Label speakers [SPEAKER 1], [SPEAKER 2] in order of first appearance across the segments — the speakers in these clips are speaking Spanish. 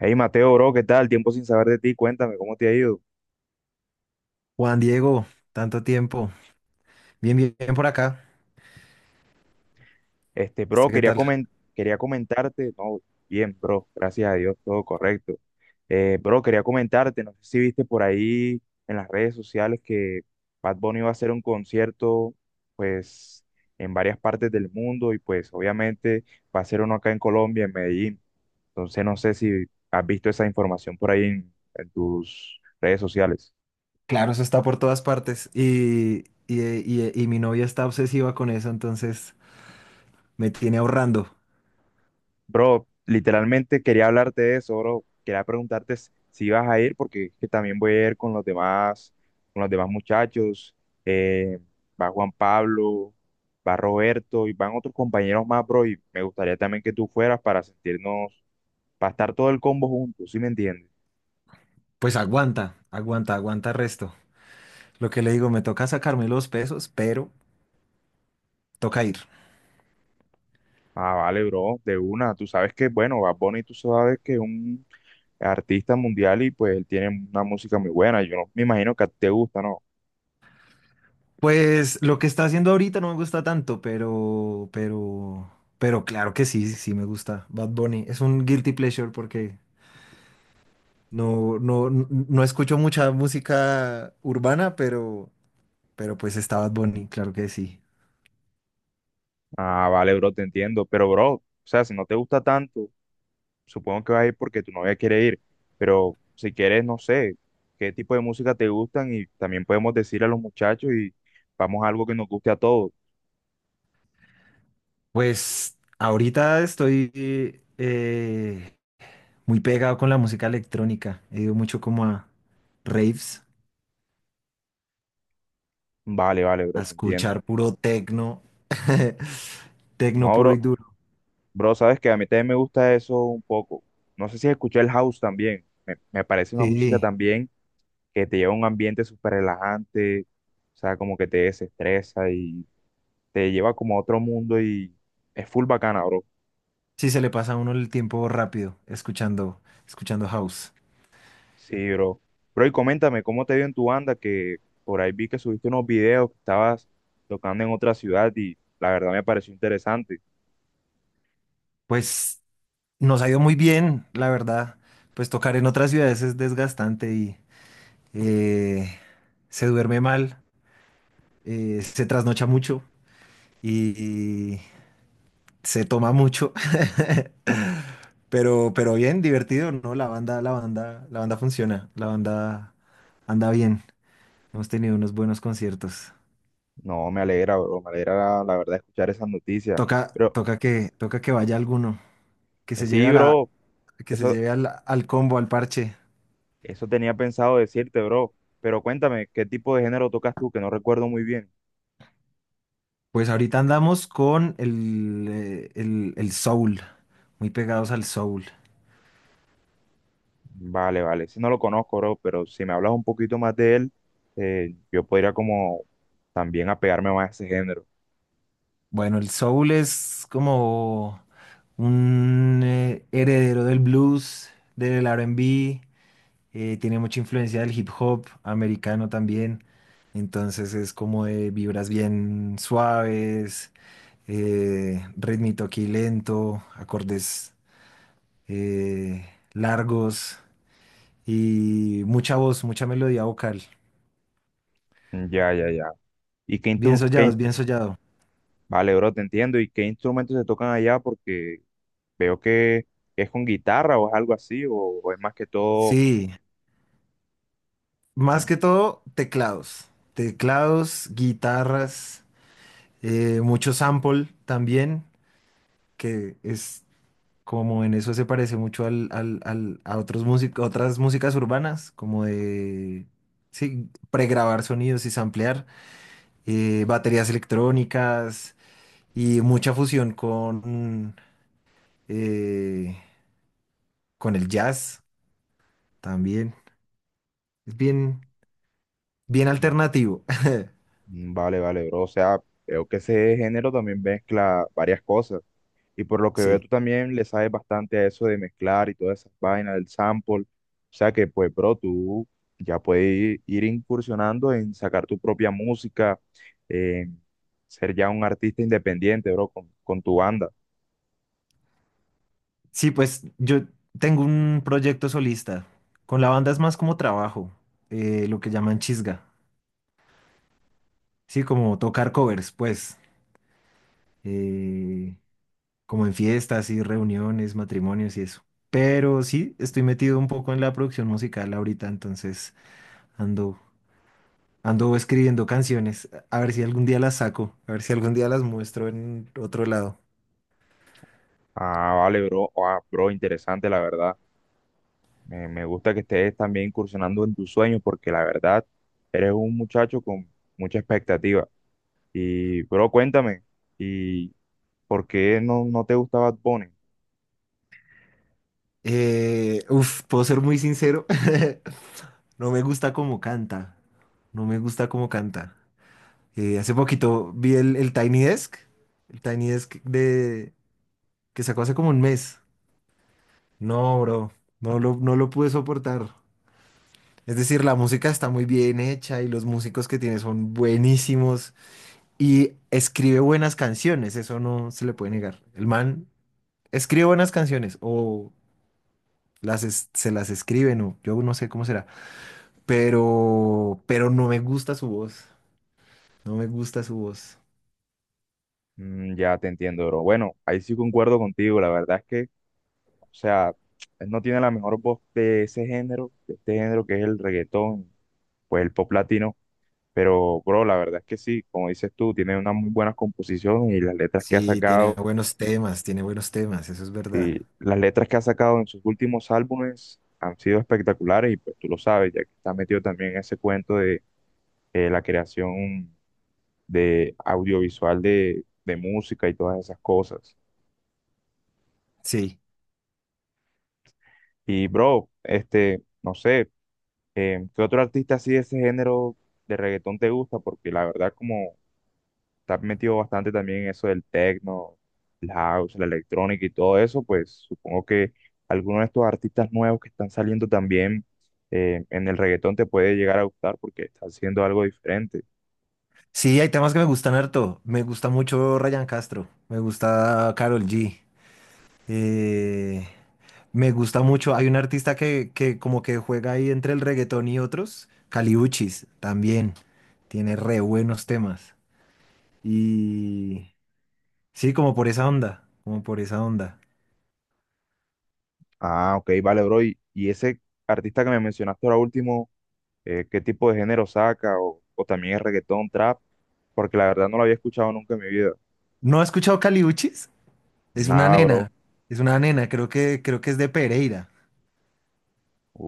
[SPEAKER 1] Hey Mateo, bro, ¿qué tal? Tiempo sin saber de ti, cuéntame cómo te ha ido.
[SPEAKER 2] Juan Diego, tanto tiempo. Bien, bien, bien por acá. Este,
[SPEAKER 1] Bro,
[SPEAKER 2] ¿qué
[SPEAKER 1] quería
[SPEAKER 2] tal?
[SPEAKER 1] quería comentarte, no, bien, bro, gracias a Dios, todo correcto. Bro, quería comentarte, no sé si viste por ahí en las redes sociales que Bad Bunny va a hacer un concierto, pues, en varias partes del mundo y pues obviamente va a ser uno acá en Colombia, en Medellín. Entonces no sé si has visto esa información por ahí en tus redes sociales.
[SPEAKER 2] Claro, eso está por todas partes. Y mi novia está obsesiva con eso, entonces me tiene ahorrando.
[SPEAKER 1] Bro, literalmente quería hablarte de eso, bro. Quería preguntarte si ibas a ir, porque es que también voy a ir con los demás muchachos. Eh, va Juan Pablo, va Roberto y van otros compañeros más, bro. Y me gustaría también que tú fueras para sentirnos, para estar todo el combo juntos, ¿sí me entiendes?
[SPEAKER 2] Pues aguanta, aguanta, aguanta resto. Lo que le digo, me toca sacarme los pesos, pero toca ir.
[SPEAKER 1] Ah, vale, bro, de una. Tú sabes que, bueno, Bad Bunny, tú sabes que es un artista mundial y pues él tiene una música muy buena. Yo no, me imagino que a ti te gusta, ¿no?
[SPEAKER 2] Pues lo que está haciendo ahorita no me gusta tanto, pero claro que sí, sí me gusta. Bad Bunny es un guilty pleasure porque no, no, no escucho mucha música urbana, pero pues está Bad Bunny, claro que sí.
[SPEAKER 1] Ah, vale, bro, te entiendo. Pero, bro, o sea, si no te gusta tanto, supongo que vas a ir porque tu novia quiere ir. Pero si quieres, no sé, qué tipo de música te gustan y también podemos decir a los muchachos y vamos a algo que nos guste a todos.
[SPEAKER 2] Pues ahorita estoy eh, muy pegado con la música electrónica. He ido mucho como a raves,
[SPEAKER 1] Vale, vale,
[SPEAKER 2] a
[SPEAKER 1] bro, te entiendo.
[SPEAKER 2] escuchar puro tecno, tecno
[SPEAKER 1] No,
[SPEAKER 2] puro y
[SPEAKER 1] bro,
[SPEAKER 2] duro.
[SPEAKER 1] bro, sabes que a mí también me gusta eso un poco. No sé si escuché el house también. Me parece una música
[SPEAKER 2] Sí,
[SPEAKER 1] también que te lleva a un ambiente súper relajante, o sea, como que te desestresa y te lleva como a otro mundo y es full bacana, bro.
[SPEAKER 2] sí se le pasa a uno el tiempo rápido escuchando, escuchando house.
[SPEAKER 1] Sí, bro. Bro, y coméntame, ¿cómo te dio en tu banda? Que por ahí vi que subiste unos videos que estabas tocando en otra ciudad y la verdad me pareció interesante.
[SPEAKER 2] Pues nos ha ido muy bien, la verdad. Pues tocar en otras ciudades es desgastante y eh, se duerme mal, se trasnocha mucho. Y se toma mucho. Pero bien, divertido, ¿no? La banda funciona, la banda anda bien. Hemos tenido unos buenos conciertos.
[SPEAKER 1] No, me alegra, bro, me alegra la verdad escuchar esas noticias. Pero
[SPEAKER 2] Toca que vaya alguno, que se lleve
[SPEAKER 1] sí,
[SPEAKER 2] a la,
[SPEAKER 1] bro,
[SPEAKER 2] que se
[SPEAKER 1] eso,
[SPEAKER 2] lleve al combo, al parche.
[SPEAKER 1] eso tenía pensado decirte, bro. Pero cuéntame, ¿qué tipo de género tocas tú? Que no recuerdo muy bien.
[SPEAKER 2] Pues ahorita andamos con el soul, muy pegados al soul.
[SPEAKER 1] Vale, vale, ese no lo conozco, bro, pero si me hablas un poquito más de él, yo podría como también apegarme más a ese género.
[SPEAKER 2] Bueno, el soul es como un heredero del blues, del R&B, tiene mucha influencia del hip hop americano también, entonces es como de vibras bien suaves, ritmito aquí lento, acordes eh, largos y mucha voz, mucha melodía vocal,
[SPEAKER 1] Ya, ya, ya. ¿Y qué,
[SPEAKER 2] bien sollados,
[SPEAKER 1] qué,
[SPEAKER 2] bien sollado.
[SPEAKER 1] Vale, bro, te entiendo. ¿Y qué instrumentos se tocan allá? Porque veo que es con guitarra o es algo así, o es más que todo.
[SPEAKER 2] Sí, más que todo teclados, teclados, guitarras. Mucho sample también, que es como en eso se parece mucho a otras músicas urbanas, como de sí, pregrabar sonidos y samplear, baterías electrónicas y mucha fusión eh, con el jazz también. Es bien, bien
[SPEAKER 1] Mm,
[SPEAKER 2] alternativo.
[SPEAKER 1] mm, vale, vale, bro. O sea, veo que ese género también mezcla varias cosas. Y por lo que veo,
[SPEAKER 2] Sí,
[SPEAKER 1] tú también le sabes bastante a eso de mezclar y todas esas vainas del sample. O sea que, pues, bro, tú ya puedes ir, ir incursionando en sacar tu propia música, en ser ya un artista independiente, bro, con tu banda.
[SPEAKER 2] sí, pues yo tengo un proyecto solista. Con la banda es más como trabajo, lo que llaman chisga. Sí, como tocar covers, pues, eh, como en fiestas y reuniones, matrimonios y eso. Pero sí, estoy metido un poco en la producción musical ahorita, entonces ando, ando escribiendo canciones. A ver si algún día las saco, a ver si algún día las muestro en otro lado.
[SPEAKER 1] Ah, vale, bro. Ah, bro, interesante, la verdad. Me gusta que estés también incursionando en tus sueños porque la verdad eres un muchacho con mucha expectativa. Y, bro, cuéntame, ¿y por qué no, no te gusta Bad Bunny?
[SPEAKER 2] Puedo ser muy sincero, no me gusta cómo canta, no me gusta cómo canta. Hace poquito vi el Tiny Desk, el Tiny Desk de, que sacó hace como un mes. No, bro, no lo pude soportar. Es decir, la música está muy bien hecha y los músicos que tiene son buenísimos y escribe buenas canciones, eso no se le puede negar. El man escribe buenas canciones o se las escriben o yo no sé cómo será, pero no me gusta su voz, no me gusta su voz.
[SPEAKER 1] Mm, ya te entiendo, bro. Bueno, ahí sí concuerdo contigo. La verdad es que, o sea, él no tiene la mejor voz de ese género, de este género que es el reggaetón, pues el pop latino. Pero, bro, la verdad es que sí, como dices tú, tiene unas muy buenas composiciones y las letras que ha
[SPEAKER 2] Sí,
[SPEAKER 1] sacado.
[SPEAKER 2] tiene buenos temas, eso es verdad.
[SPEAKER 1] Sí, las letras que ha sacado en sus últimos álbumes han sido espectaculares y pues tú lo sabes, ya que está metido también en ese cuento de la creación de audiovisual de música y todas esas cosas.
[SPEAKER 2] Sí.
[SPEAKER 1] Y bro, este, no sé, ¿qué otro artista así de ese género de reggaetón te gusta? Porque la verdad como está metido bastante también en eso del techno, el house, la electrónica y todo eso, pues supongo que alguno de estos artistas nuevos que están saliendo también en el reggaetón te puede llegar a gustar porque está haciendo algo diferente.
[SPEAKER 2] Sí, hay temas que me gustan harto. Me gusta mucho Ryan Castro. Me gusta Karol G. Eh, me gusta mucho. Hay un artista que como que juega ahí entre el reggaetón y otros. Caliuchis también. Tiene re buenos temas. Y sí, como por esa onda. Como por esa onda.
[SPEAKER 1] Ah, ok, vale, bro. Y ese artista que me mencionaste ahora último, ¿qué tipo de género saca? O también es reggaetón, trap, porque la verdad no lo había escuchado nunca en mi vida.
[SPEAKER 2] ¿No has escuchado Caliuchis? Es una
[SPEAKER 1] Nada, bro.
[SPEAKER 2] nena. Es una nena. Creo que es de Pereira.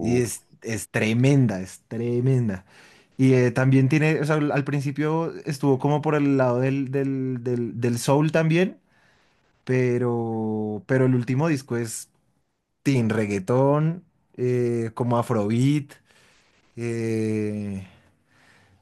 [SPEAKER 2] Y es tremenda, es tremenda. Y también tiene, o sea, al principio estuvo como por el lado del soul también. Pero el último disco es teen reggaetón, como afrobeat, eh,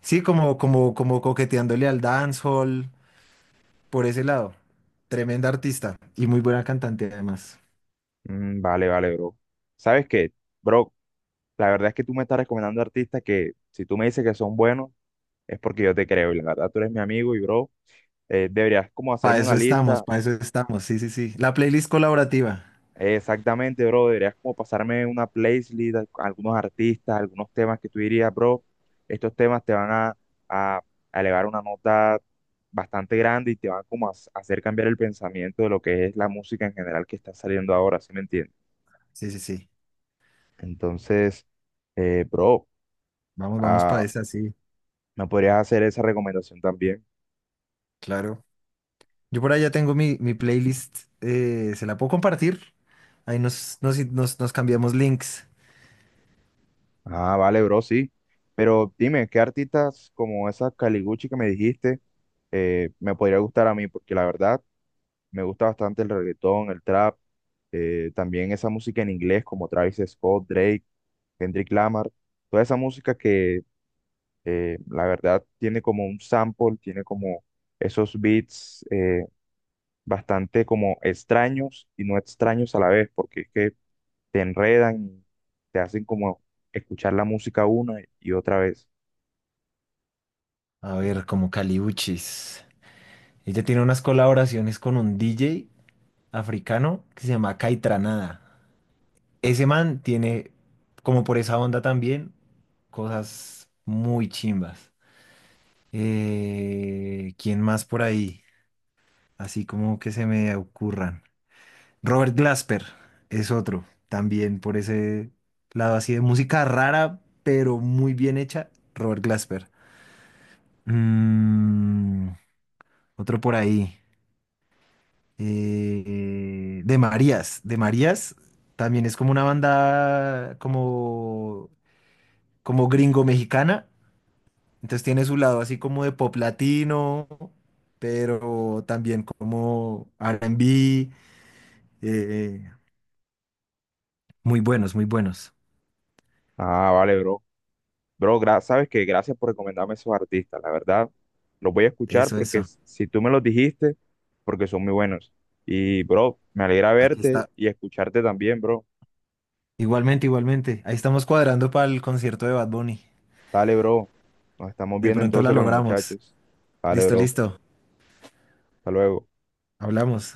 [SPEAKER 2] sí, como coqueteándole al dancehall, por ese lado. Tremenda artista y muy buena cantante además.
[SPEAKER 1] mm, vale, vale, bro. ¿Sabes qué? Bro, la verdad es que tú me estás recomendando artistas que si tú me dices que son buenos es porque yo te creo y la verdad tú eres mi amigo y bro, deberías como hacerme una lista.
[SPEAKER 2] Para eso estamos, sí, sí, sí. La playlist colaborativa,
[SPEAKER 1] Exactamente, bro, deberías como pasarme una playlist, algunos artistas, algunos temas que tú dirías, bro, estos temas te van a, a elevar una nota bastante grande y te van como a hacer cambiar el pensamiento de lo que es la música en general que está saliendo ahora, ¿sí me entiendes?
[SPEAKER 2] sí, sí, sí.
[SPEAKER 1] Entonces, bro,
[SPEAKER 2] Vamos, vamos para
[SPEAKER 1] ah,
[SPEAKER 2] esa, sí,
[SPEAKER 1] ¿me podrías hacer esa recomendación también?
[SPEAKER 2] claro. Yo por allá tengo mi, mi playlist, ¿se la puedo compartir? Ahí nos cambiamos links.
[SPEAKER 1] Ah, vale, bro, sí. Pero dime, ¿qué artistas como esa Caliguchi que me dijiste me podría gustar a mí? Porque la verdad me gusta bastante el reggaetón, el trap, también esa música en inglés como Travis Scott, Drake, Kendrick Lamar, toda esa música que la verdad tiene como un sample, tiene como esos beats bastante como extraños y no extraños a la vez, porque es que te enredan, te hacen como escuchar la música una y otra vez.
[SPEAKER 2] A ver, como caliuchis. Ella tiene unas colaboraciones con un DJ africano que se llama Caitranada. Ese man tiene, como por esa onda también, cosas muy chimbas. ¿Quién más por ahí? Así como que se me ocurran. Robert Glasper es otro, también por ese lado así de música rara, pero muy bien hecha. Robert Glasper. Mm, otro por ahí. Eh, de Marías. De Marías también es como una banda como, como gringo-mexicana. Entonces tiene su lado así como de pop latino, pero también como R&B. eh, eh, muy buenos, muy buenos.
[SPEAKER 1] Ah, vale, bro. Bro, sabes que gracias por recomendarme esos artistas. La verdad, los voy a escuchar
[SPEAKER 2] Eso,
[SPEAKER 1] porque
[SPEAKER 2] eso.
[SPEAKER 1] si tú me los dijiste, porque son muy buenos. Y, bro, me alegra
[SPEAKER 2] Aquí
[SPEAKER 1] verte
[SPEAKER 2] está.
[SPEAKER 1] y escucharte también, bro.
[SPEAKER 2] Igualmente, igualmente. Ahí estamos cuadrando para el concierto de Bad Bunny.
[SPEAKER 1] Dale, bro. Nos estamos
[SPEAKER 2] De
[SPEAKER 1] viendo
[SPEAKER 2] pronto la
[SPEAKER 1] entonces con los
[SPEAKER 2] logramos.
[SPEAKER 1] muchachos. Dale,
[SPEAKER 2] Listo,
[SPEAKER 1] bro.
[SPEAKER 2] listo.
[SPEAKER 1] Hasta luego.
[SPEAKER 2] Hablamos.